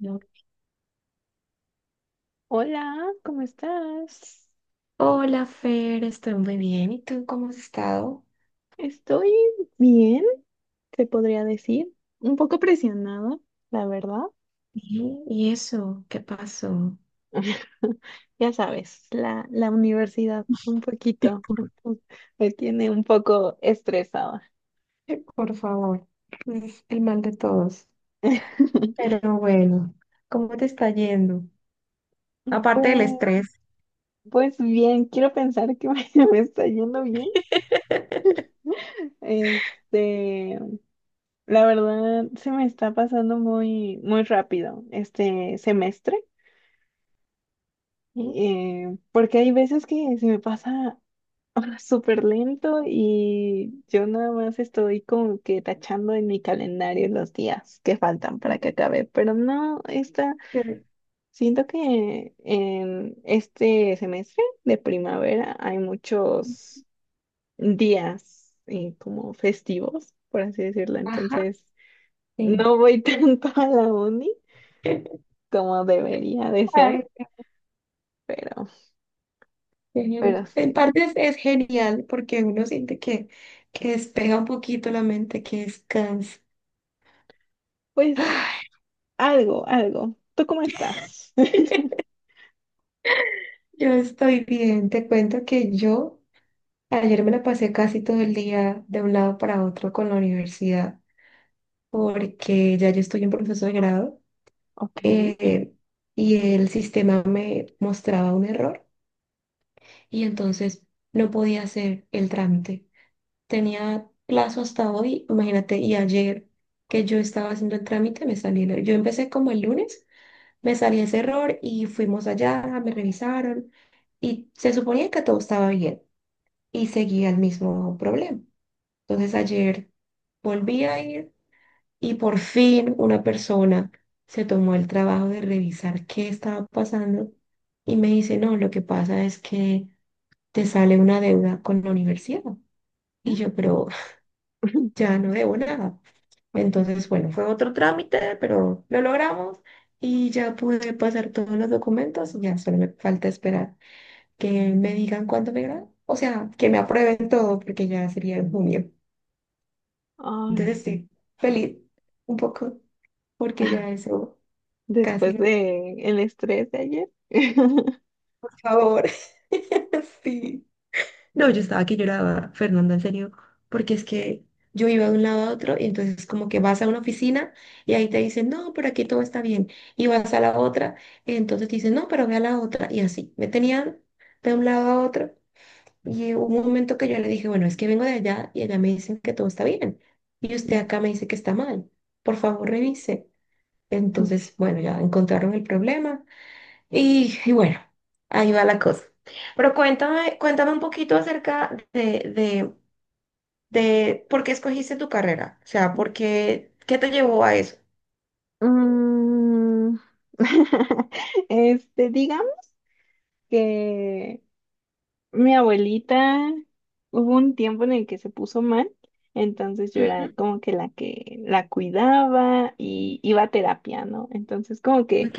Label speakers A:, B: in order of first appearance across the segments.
A: No.
B: Hola, ¿cómo estás?
A: Hola, Fer, estoy muy bien. ¿Y tú cómo has estado?
B: Estoy bien, te podría decir. Un poco presionada, la verdad.
A: Sí, ¿y eso? ¿Qué pasó?
B: Ya sabes, la universidad un poquito me tiene un poco estresada.
A: Por favor, es el mal de todos. Pero bueno, ¿cómo te está yendo? Aparte del
B: Pues,
A: estrés.
B: pues bien, quiero pensar que me está yendo bien. Este, la verdad, se me está pasando muy, muy rápido este semestre,
A: ¿Sí?
B: porque hay veces que se me pasa ah, súper lento y yo nada más estoy como que tachando en mi calendario los días que faltan para que acabe, pero no, esta,
A: Eh,
B: siento que en este semestre de primavera hay muchos días como festivos, por así decirlo,
A: Ajá,
B: entonces
A: sí.
B: no voy tanto a la uni como debería de ser,
A: Ay,
B: pero,
A: genial.
B: pero
A: En
B: sí,
A: parte es genial porque uno siente que despeja un poquito la mente, que descansa.
B: pues
A: Ay,
B: algo, algo. ¿Tú cómo estás?
A: yo estoy bien. Te cuento que yo ayer me la pasé casi todo el día de un lado para otro con la universidad, porque ya yo estoy en proceso de grado
B: Ok.
A: eh, y el sistema me mostraba un error y entonces no podía hacer el trámite. Tenía plazo hasta hoy, imagínate, y ayer que yo estaba haciendo el trámite me salió el error. Yo empecé como el lunes, me salió ese error y fuimos allá, me revisaron y se suponía que todo estaba bien y seguía el mismo problema. Entonces ayer volví a ir y por fin una persona se tomó el trabajo de revisar qué estaba pasando y me dice, no, lo que pasa es que te sale una deuda con la universidad. Y yo, pero ya no debo nada.
B: Ok.
A: Entonces, bueno, fue otro trámite, pero lo logramos y ya pude pasar todos los documentos. Ya solo me falta esperar que me digan cuándo me gradué. O sea, que me aprueben todo porque ya sería en junio.
B: Ay,
A: Entonces, sí, feliz un poco. Porque ya eso casi
B: después
A: no,
B: de el estrés de ayer.
A: por favor. Sí. No, yo estaba que lloraba, Fernanda, en serio, porque es que yo iba de un lado a otro y entonces como que vas a una oficina y ahí te dicen, no, pero aquí todo está bien. Y vas a la otra y entonces te dicen, no, pero ve a la otra. Y así, me tenían de un lado a otro y hubo un momento que yo le dije, bueno, es que vengo de allá y allá me dicen que todo está bien. Y usted acá me dice que está mal. Por favor, revise.
B: Sí.
A: Entonces, bueno, ya encontraron el problema. Y bueno, ahí va la cosa. Pero cuéntame, cuéntame un poquito acerca de por qué escogiste tu carrera. O sea, por qué, qué te llevó a eso.
B: Mm. Este, digamos que mi abuelita hubo un tiempo en el que se puso mal, entonces yo era
A: Ujú,
B: como que la cuidaba y iba a terapia, ¿no? Entonces como que
A: ok,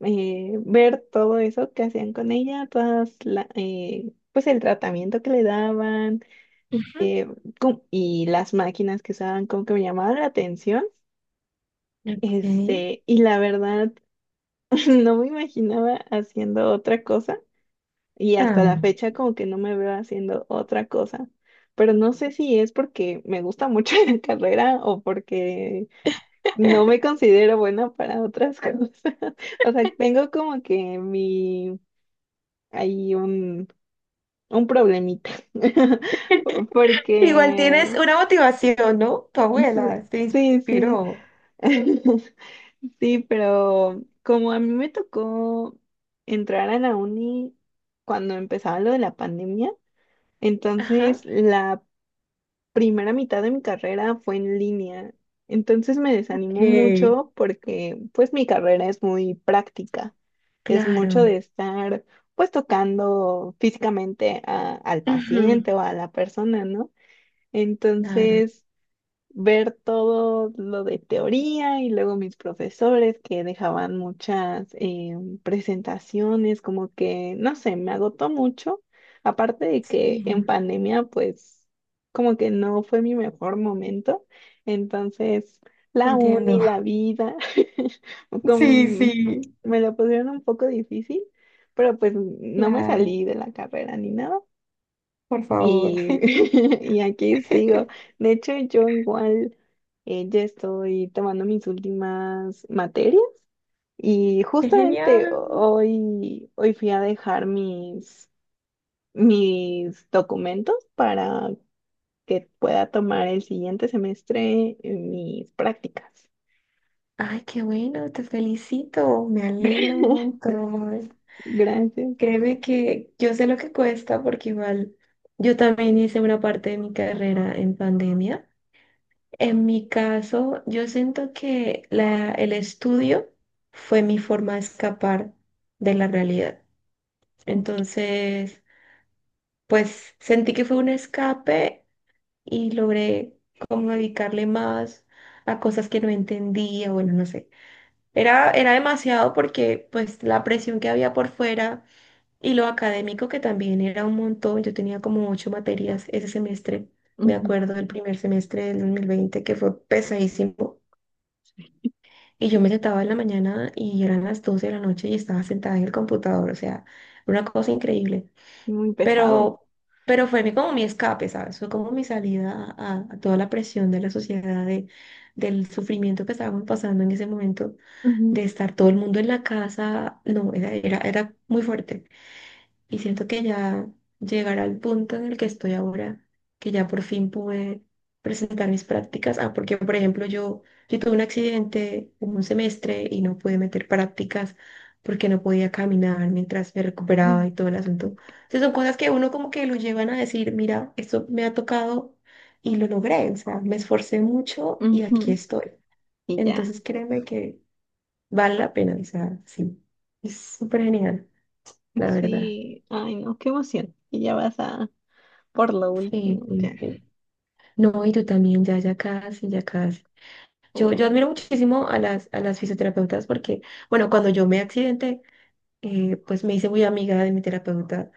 B: ver todo eso que hacían con ella, pues el tratamiento que le daban,
A: ujú,
B: eh, y las máquinas que usaban como que me llamaban la atención.
A: ok.
B: Este, y la verdad, no me imaginaba haciendo otra cosa y hasta la
A: Ah.
B: fecha como que no me veo haciendo otra cosa. Pero no sé si es porque me gusta mucho la carrera o porque no me considero buena para otras cosas. O sea, tengo como que mi, hay un problemita.
A: Igual tienes
B: Porque,
A: una motivación, ¿no? Tu
B: pues,
A: abuela te
B: sí, sí.
A: inspiró.
B: Sí, pero como a mí me tocó entrar a la uni cuando empezaba lo de la pandemia, entonces
A: Ajá.
B: la primera mitad de mi carrera fue en línea. Entonces me
A: Ok,
B: desanimó mucho porque pues mi carrera es muy práctica, es mucho
A: claro.
B: de estar pues tocando físicamente a- al
A: Ujú,
B: paciente o a la persona, ¿no?
A: claro.
B: Entonces ver todo lo de teoría y luego mis profesores que dejaban muchas presentaciones, como que, no sé, me agotó mucho. Aparte de que
A: Sí,
B: en pandemia, pues, como que no fue mi mejor momento. Entonces,
A: te
B: la
A: entiendo.
B: uni, la vida,
A: Sí,
B: como
A: sí.
B: me lo pusieron un poco difícil, pero pues no me
A: Claro,
B: salí de la carrera ni nada.
A: por favor.
B: Y, y aquí
A: Qué
B: sigo. De hecho, yo igual, ya estoy tomando mis últimas materias y justamente
A: genial.
B: hoy fui a dejar mis, mis documentos para que pueda tomar el siguiente semestre mis prácticas.
A: Ay, qué bueno, te felicito, me alegra un montón.
B: Gracias.
A: Créeme que yo sé lo que cuesta porque igual yo también hice una parte de mi carrera en pandemia. En mi caso, yo siento que el estudio fue mi forma de escapar de la realidad. Entonces, pues sentí que fue un escape y logré como dedicarle más a cosas que no entendía, bueno, no sé. Era demasiado porque pues la presión que había por fuera y lo académico que también era un montón. Yo tenía como ocho materias ese semestre, me
B: Ujú.
A: acuerdo del primer semestre del 2020 que fue pesadísimo. Y yo me sentaba en la mañana y eran las 12 de la noche y estaba sentada en el computador. O sea, una cosa increíble.
B: Muy pesado.
A: Pero, pero fue mi, como mi escape, ¿sabes? Fue como mi salida a toda la presión de la sociedad, del sufrimiento que estábamos pasando en ese momento,
B: Ujú.
A: de estar todo el mundo en la casa. No, era muy fuerte. Y siento que ya llegar al punto en el que estoy ahora, que ya por fin pude presentar mis prácticas. Ah, porque por ejemplo yo, tuve un accidente un semestre y no pude meter prácticas porque no podía caminar mientras me recuperaba y todo el asunto. Entonces son cosas que uno como que lo llevan a decir, mira, esto me ha tocado y lo logré. O sea, me esforcé mucho y aquí
B: Ujú.
A: estoy.
B: Y ya.
A: Entonces créeme que vale la pena. O sea, sí, es súper genial, la verdad.
B: Sí. Ay, no, qué emoción. Y ya vas a... por lo
A: Sí,
B: último,
A: sí,
B: ya.
A: sí. No, y tú también, ya, ya casi, ya casi. Yo
B: Uy.
A: admiro muchísimo a las fisioterapeutas porque, bueno, cuando yo me accidenté, pues me hice muy amiga de mi terapeuta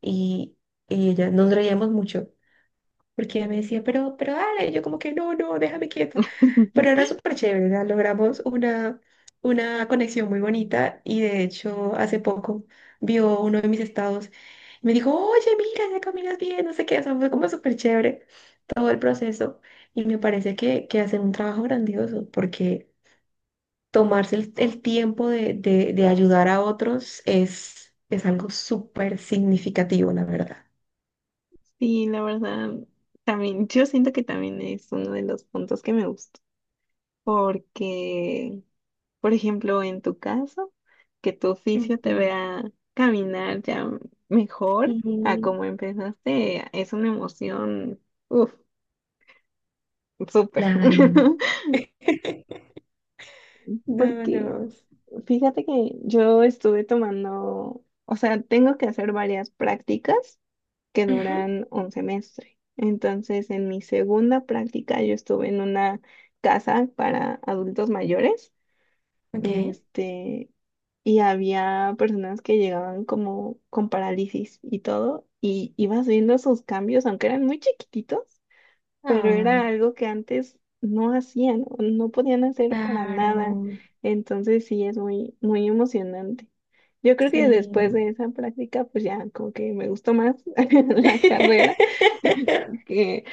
A: y, y ella nos reíamos mucho porque ella me decía, pero dale, y yo como que no, no, déjame quieta. Pero era súper chévere, ¿verdad? Logramos una conexión muy bonita y de hecho hace poco vio uno de mis estados y me dijo, oye, mira, ya caminas bien, no sé qué, o sea, fue como súper chévere todo el proceso y me parece que hacen un trabajo grandioso porque tomarse el tiempo de ayudar a otros es algo súper significativo, la verdad.
B: Sí, la verdad, también, yo siento que también es uno de los puntos que me gustó, porque, por ejemplo, en tu caso, que tu oficio te
A: Ujú,
B: vea caminar ya mejor a
A: ujú.
B: como empezaste, es una emoción, uff, súper.
A: Claro. No,
B: Porque
A: no.
B: fíjate que yo estuve tomando, o sea, tengo que hacer varias prácticas que
A: Ujú,
B: duran un semestre. Entonces, en mi segunda práctica, yo estuve en una casa para adultos mayores,
A: ok.
B: este, y había personas que llegaban como con parálisis y todo, y ibas viendo sus cambios, aunque eran muy chiquititos, pero
A: Ay,
B: era algo que antes no hacían, o no podían hacer para nada.
A: claro.
B: Entonces sí es muy, muy emocionante. Yo creo que
A: Sí.
B: después de esa práctica, pues ya como que me gustó más la carrera que,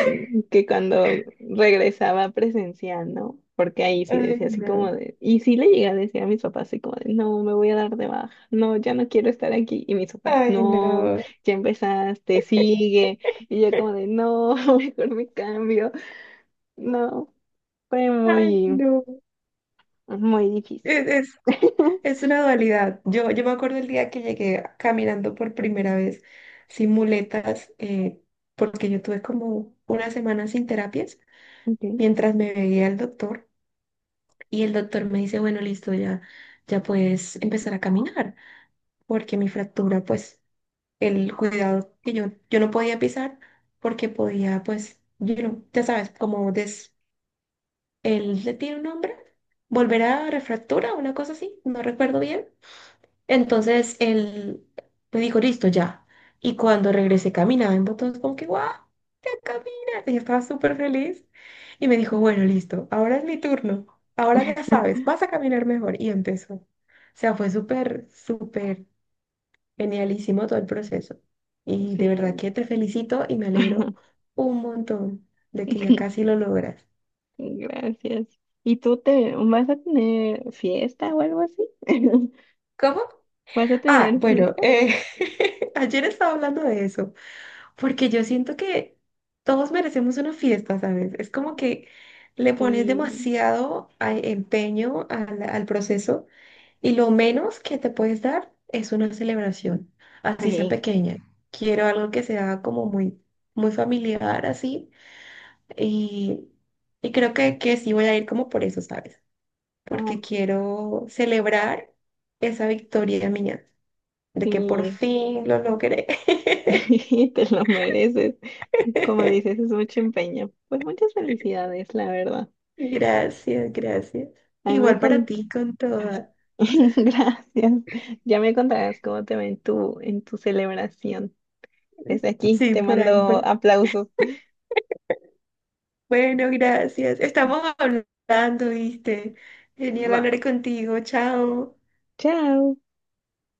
B: que cuando regresaba presencial, ¿no? Porque ahí sí
A: Ay,
B: decía así
A: no.
B: como de, y sí le llegué a decir a mis papás así como de, no, me voy a dar de baja, no, ya no quiero estar aquí. Y mis papás,
A: Ay,
B: no,
A: no.
B: ya empezaste, sigue. Y yo como de, no, mejor me cambio. No, fue
A: Ay,
B: muy,
A: no.
B: muy difícil.
A: Es, es, es una dualidad. Yo me acuerdo el día que llegué caminando por primera vez sin muletas, porque yo tuve como una semana sin terapias
B: Okay.
A: mientras me veía el doctor y el doctor me dice, bueno, listo, ya, ya puedes empezar a caminar, porque mi fractura pues el cuidado que yo, no podía pisar porque podía, pues, ya sabes, él le tiene un nombre, volver a refractura, una cosa así, no recuerdo bien. Entonces él me dijo, listo, ya. Y cuando regresé caminaba en botones como que, guau, ya caminas. Y yo estaba súper feliz. Y me dijo, bueno, listo, ahora es mi turno. Ahora ya sabes, vas a caminar mejor. Y empezó. O sea, fue súper, súper genialísimo todo el proceso. Y de verdad
B: Sí.
A: que te felicito y me alegro un montón de que ya casi lo logras.
B: Gracias. ¿Y tú te vas a tener fiesta o algo así?
A: ¿Cómo?
B: ¿Vas a
A: Ah,
B: tener
A: bueno,
B: fiesta?
A: ayer estaba hablando de eso, porque yo siento que todos merecemos una fiesta, ¿sabes? Es como que le pones
B: Sí.
A: demasiado empeño al proceso y lo menos que te puedes dar es una celebración, así sea
B: Sí,
A: pequeña. Quiero algo que sea como muy, muy familiar, así. Y, y creo que sí voy a ir como por eso, ¿sabes? Porque
B: ay,
A: quiero celebrar esa victoria mía, de que por
B: sí.
A: fin lo logré.
B: Te lo mereces. Como dices, es mucho empeño. Pues muchas felicidades, la verdad. A
A: Gracias, gracias.
B: a mí me
A: Igual para
B: con-
A: ti con
B: Ay,
A: toda.
B: gracias. Ya me contarás cómo te va en tu celebración. Desde aquí
A: Sí,
B: te
A: por ahí, por...
B: mando
A: ahí.
B: aplausos.
A: Bueno, gracias. Estamos hablando, ¿viste? Genial
B: Va.
A: hablar contigo. Chao.
B: Chao.